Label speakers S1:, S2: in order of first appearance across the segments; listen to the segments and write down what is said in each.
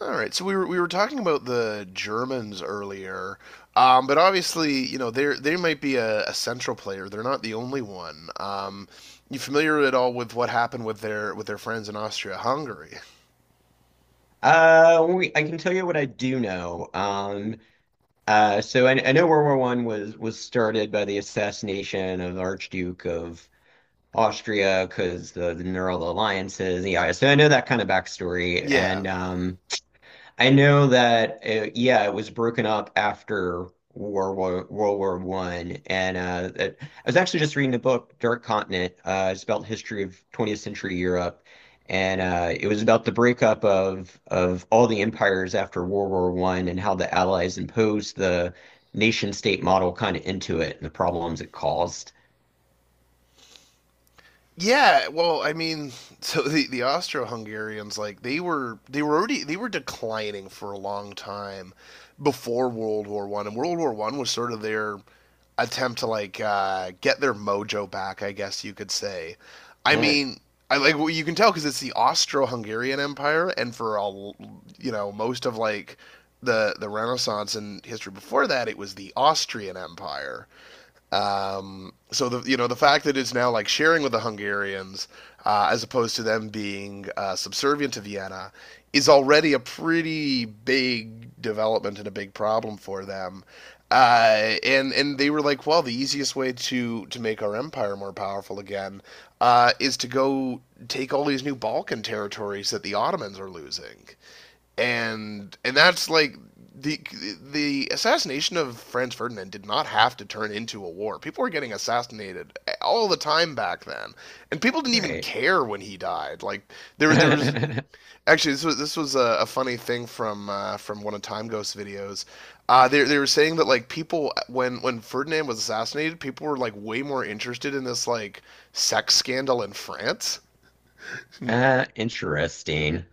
S1: All right, so we were talking about the Germans earlier, but obviously, you know, they might be a central player. They're not the only one. You familiar at all with what happened with their friends in Austria-Hungary?
S2: I can tell you what I do know. I know World War One was started by the assassination of the Archduke of Austria because the Neural Alliances, yeah. So I know that kind of backstory,
S1: Yeah.
S2: and I know that yeah, it was broken up after World War One, and I was actually just reading a book, Dark Continent. It's about the history of 20th century Europe, and it was about the breakup of all the empires after World War One and how the Allies imposed the nation state model kind of into it and the problems it caused.
S1: Yeah, well, I mean, so the Austro-Hungarians, like they were declining for a long time before World War I, and World War I was sort of their attempt to, like, get their mojo back, I guess you could say. I mean, I like well, you can tell because it's the Austro-Hungarian Empire, and for all you know, most of, like, the Renaissance and history before that, it was the Austrian Empire. So the you know the fact that it's now, like, sharing with the Hungarians, as opposed to them being, subservient to Vienna, is already a pretty big development and a big problem for them. And they were like, well, the easiest way to make our empire more powerful again, is to go take all these new Balkan territories that the Ottomans are losing, and that's like the the assassination of Franz Ferdinand did not have to turn into a war. People were getting assassinated all the time back then, and people didn't even
S2: Right.
S1: care when he died. Like, there was actually, this was a funny thing from, from one of Time Ghost's videos. They were saying that, like, people, when Ferdinand was assassinated, people were, like, way more interested in this, like, sex scandal in France.
S2: Interesting.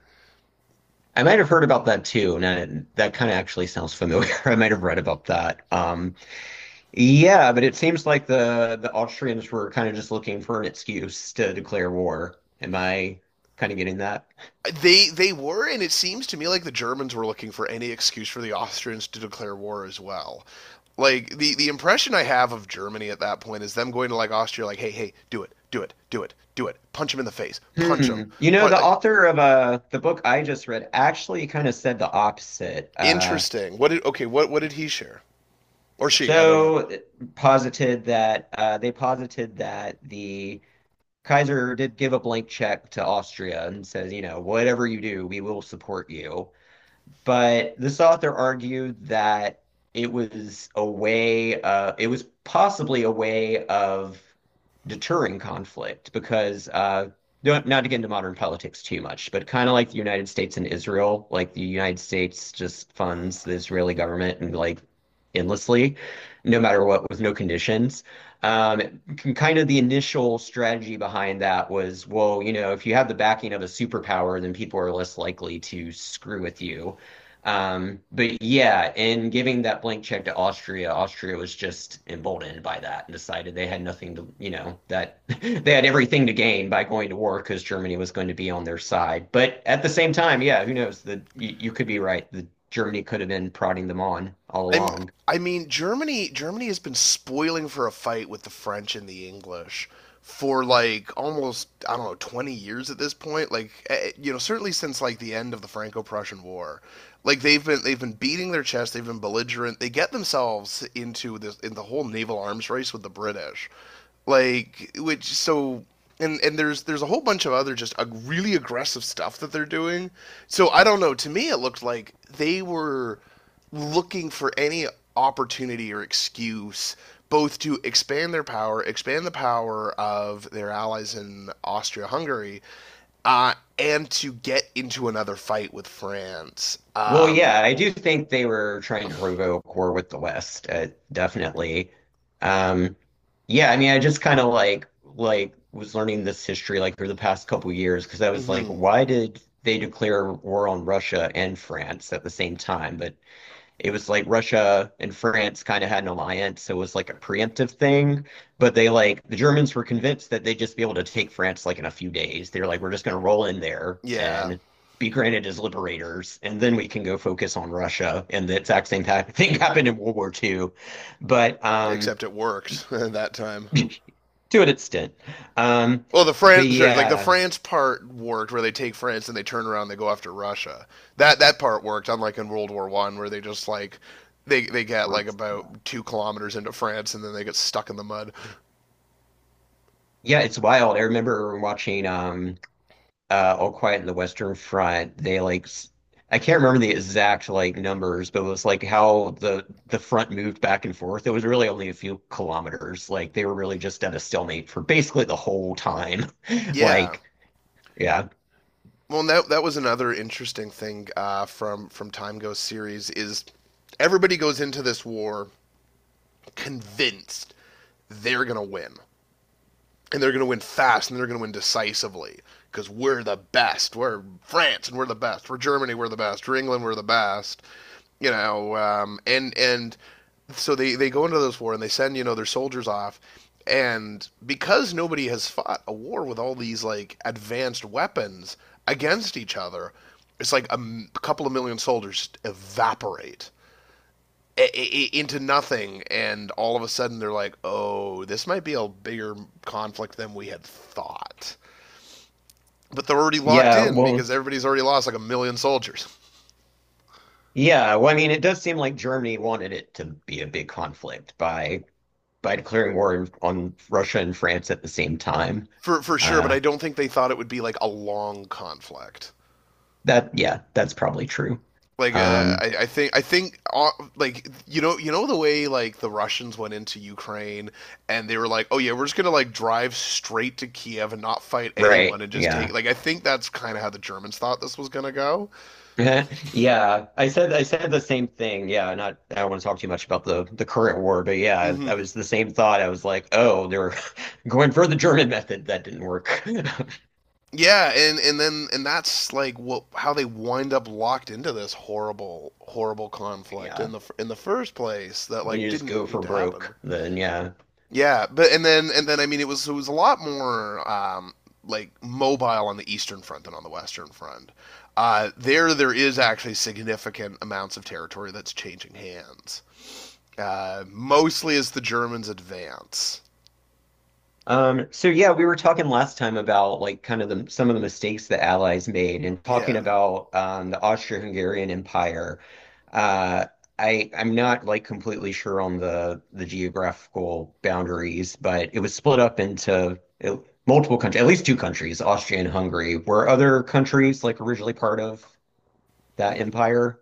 S2: I might have heard about that too, and that kind of actually sounds familiar. I might have read about that. Yeah, but it seems like the Austrians were kind of just looking for an excuse to declare war. Am I kind of getting that?
S1: They were, and it seems to me like the Germans were looking for any excuse for the Austrians to declare war as well. Like, the impression I have of Germany at that point is them going to, like, Austria, like, hey, hey, do it, do it, do it, do it, punch him in the face, punch him.
S2: Hmm. You know,
S1: Punch.
S2: the author of the book I just read actually kind of said the opposite. Uh,
S1: Interesting. What did Okay? What did he share, or she? I don't know.
S2: so posited that they posited that the Kaiser did give a blank check to Austria and says, you know, whatever you do, we will support you. But this author argued that it was a way, it was possibly a way of deterring conflict because, not to get into modern politics too much, but kind of like the United States and Israel, like the United States just funds the Israeli government and like endlessly, no matter what, with no conditions. Kind of the initial strategy behind that was, well, you know, if you have the backing of a superpower, then people are less likely to screw with you. But yeah, in giving that blank check to Austria, Austria was just emboldened by that and decided they had nothing to, you know, that they had everything to gain by going to war because Germany was going to be on their side. But at the same time, yeah, who knows? You could be right. The Germany could have been prodding them on all
S1: I'm.
S2: along.
S1: I mean, Germany has been spoiling for a fight with the French and the English for, like, almost, I don't know, 20 years at this point. Like, you know, certainly since, like, the end of the Franco-Prussian War, like, they've been beating their chest. They've been belligerent. They get themselves into this, in the whole naval arms race with the British, like, which, so. And there's a whole bunch of other just really aggressive stuff that they're doing. So I don't know. To me, it looked like they were looking for any opportunity or excuse, both to expand their power, expand the power of their allies in Austria Hungary, and to get into another fight with France.
S2: Well, yeah,
S1: Um,
S2: I do think they were trying to provoke war with the West, definitely. Um, yeah, I mean, I just kind of like was learning this history like through the past couple years because I was like,
S1: mhm,
S2: why did they declare war on Russia and France at the same time? But it was like Russia and France kind of had an alliance, so it was like a preemptive thing. But they like the Germans were convinced that they'd just be able to take France like in a few days. They were like, we're just gonna roll in there
S1: yeah,
S2: and be granted as liberators, and then we can go focus on Russia. And the exact same thing happened in World War Two, but
S1: except it worked that time.
S2: to an extent. Um,
S1: Well, the
S2: but
S1: France, sure, like the
S2: yeah,
S1: France part worked, where they take France and they turn around, and they go after Russia. That part worked, unlike in World War I, where they just, like, they get
S2: we're
S1: like about 2 kilometers into France, and then they get stuck in the mud.
S2: yeah, it's wild. I remember watching All Quiet in the Western Front, they I can't remember the exact like numbers, but it was like how the front moved back and forth. It was really only a few kilometers. Like they were really just at a stalemate for basically the whole time.
S1: Yeah.
S2: Like, yeah.
S1: Well, that was another interesting thing, from Time Ghost series is everybody goes into this war convinced they're gonna win. And they're going to win fast, and they're going to win decisively, because we're the best. We're France and we're the best. We're Germany, we're the best. We're England, we're the best. You know, and so they go into those war and they send, their soldiers off, and because nobody has fought a war with all these, like, advanced weapons against each other, it's like a couple of million soldiers evaporate into nothing, and all of a sudden they're like, "Oh, this might be a bigger conflict than we had thought." But they're already locked
S2: Yeah,
S1: in because
S2: well,
S1: everybody's already lost, like, a million soldiers,
S2: I mean, it does seem like Germany wanted it to be a big conflict by declaring war on Russia and France at the same time.
S1: for sure. But
S2: Uh
S1: I don't think they thought it would be, like, a long conflict.
S2: that yeah, that's probably true.
S1: Like, I,
S2: Um,
S1: I think I think like, you know, the way, like, the Russians went into Ukraine and they were like, oh yeah, we're just gonna, like, drive straight to Kiev and not fight anyone
S2: right,
S1: and just take,
S2: yeah.
S1: like, I think that's kind of how the Germans thought this was gonna go.
S2: Yeah, I said the same thing. Yeah, not I don't want to talk too much about the current war, but yeah, I
S1: Hmm.
S2: was the same thought. I was like, oh, they're going for the German method. That didn't work.
S1: Yeah, and then and that's, like, what, how they wind up locked into this horrible, horrible conflict
S2: Yeah,
S1: in in the first place, that,
S2: when
S1: like,
S2: you just go
S1: didn't need
S2: for
S1: to happen.
S2: broke, then yeah,
S1: Yeah, but and then, I mean, it was, it was a lot more, like, mobile on the eastern front than on the western front. There is actually significant amounts of territory that's changing hands. Mostly as the Germans advance.
S2: um, so yeah, we were talking last time about like kind of the some of the mistakes the Allies made and talking
S1: Yeah,
S2: about the Austro-Hungarian Empire. Uh, I'm not like completely sure on the geographical boundaries, but it was split up into uh, multiple countries, at least two countries, Austria and Hungary. Were other countries like originally part of that empire?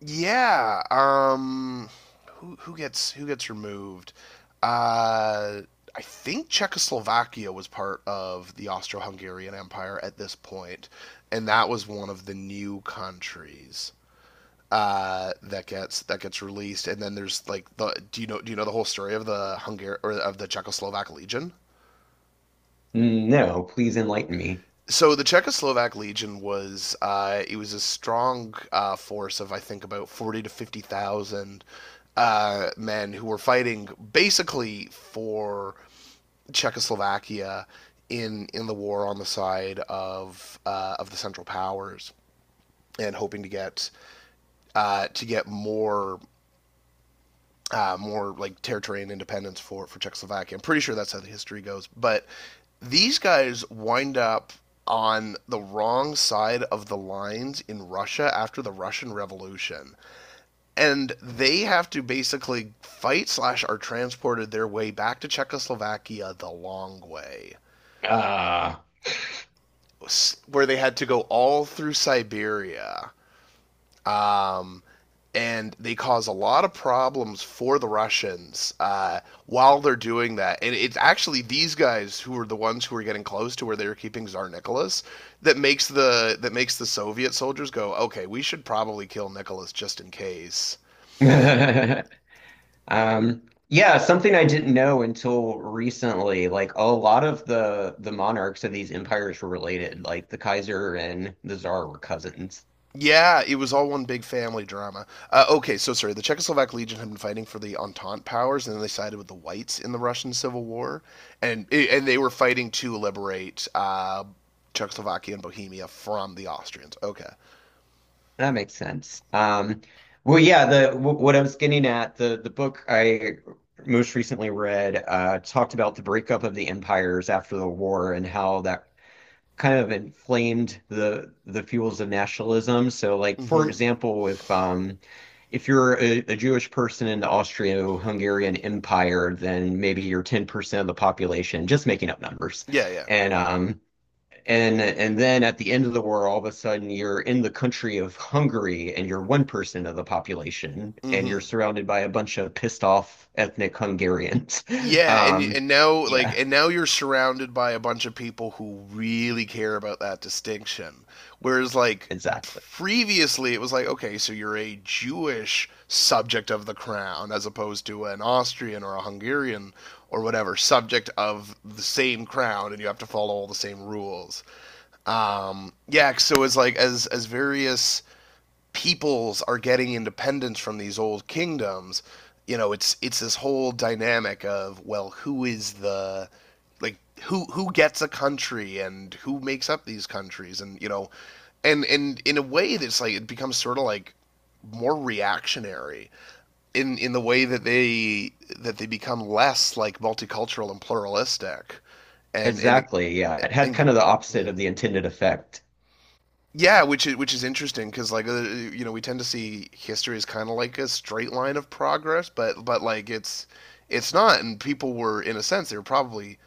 S1: yeah. Who gets removed? Uh, I think Czechoslovakia was part of the Austro-Hungarian Empire at this point, and that was one of the new countries, that gets released. And then there's, like, the do you know, the whole story of the Hungar or of the Czechoslovak Legion?
S2: No, please enlighten me.
S1: So the Czechoslovak Legion was it was a strong, force of, I think, about forty to fifty thousand men who were fighting basically for Czechoslovakia in the war, on the side of, of the Central Powers, and hoping to get, to get more, more like, territory and independence for Czechoslovakia. I'm pretty sure that's how the history goes. But these guys wind up on the wrong side of the lines in Russia after the Russian Revolution, and they have to basically fight slash are transported their way back to Czechoslovakia the long way,
S2: Ah.
S1: where they had to go all through Siberia. Um, and they cause a lot of problems for the Russians, while they're doing that. And it's actually these guys who are the ones who are getting close to where they were keeping Tsar Nicholas, that makes the Soviet soldiers go, okay, we should probably kill Nicholas just in case.
S2: Yeah, something I didn't know until recently. Like a lot of the monarchs of these empires were related. Like the Kaiser and the Tsar were cousins.
S1: Yeah, it was all one big family drama. Okay, so sorry. The Czechoslovak Legion had been fighting for the Entente powers, and then they sided with the Whites in the Russian Civil War, and they were fighting to liberate, Czechoslovakia and Bohemia from the Austrians. Okay.
S2: That makes sense. Well, yeah, the w what I was getting at, the book I most recently read talked about the breakup of the empires after the war and how that kind of inflamed the fuels of nationalism. So, like for
S1: Mm-hmm.
S2: example, if you're a Jewish person in the Austro-Hungarian Empire, then maybe you're 10% of the population, just making up numbers.
S1: Yeah, yeah.
S2: And and then at the end of the war, all of a sudden you're in the country of Hungary and you're 1% of the population, and you're
S1: Mm-hmm.
S2: surrounded by a bunch of pissed off ethnic Hungarians.
S1: Yeah, and
S2: Um,
S1: and now like
S2: yeah,
S1: and now you're surrounded by a bunch of people who really care about that distinction. Whereas, like,
S2: exactly.
S1: previously it was like, okay, so you're a Jewish subject of the crown, as opposed to an Austrian or a Hungarian or whatever subject of the same crown, and you have to follow all the same rules. Yeah, so it's like, as various peoples are getting independence from these old kingdoms, it's this whole dynamic of, well, who is the like who gets a country and who makes up these countries, and you know and in a way that's, like, it becomes sort of, like, more reactionary, in the way that they, that they become less, like, multicultural and pluralistic, and and it,
S2: Exactly. Yeah. It had
S1: and
S2: kind of the
S1: yeah,
S2: opposite of the intended effect.
S1: yeah, which is interesting, because, like, you know, we tend to see history as kind of like a straight line of progress, but, like, it's not, and people were, in a sense, they were probably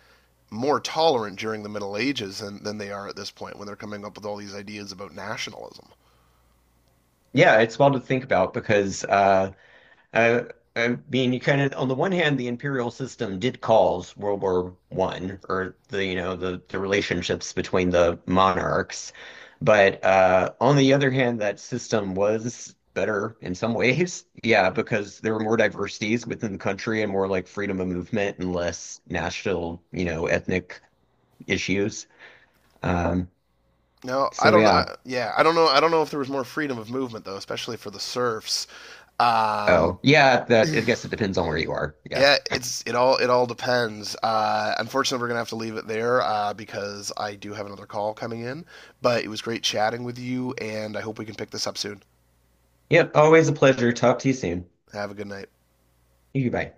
S1: more tolerant during the Middle Ages than they are at this point, when they're coming up with all these ideas about nationalism.
S2: Yeah, it's well to think about because I, I mean, you kind of on the one hand, the imperial system did cause World War One or the you know the relationships between the monarchs, but on the other hand, that system was better in some ways. Yeah, because there were more diversities within the country and more like freedom of movement and less national, you know, ethnic issues. Um,
S1: No, I
S2: so
S1: don't.
S2: yeah.
S1: Yeah, I don't know. I don't know if there was more freedom of movement though, especially for the serfs. Um,
S2: Oh, yeah, that I guess it depends on where you are. Yeah.
S1: Yeah, it all depends. Unfortunately, we're gonna have to leave it there, because I do have another call coming in. But it was great chatting with you, and I hope we can pick this up soon.
S2: Yep, always a pleasure. Talk to you soon.
S1: Have a good night.
S2: You bye.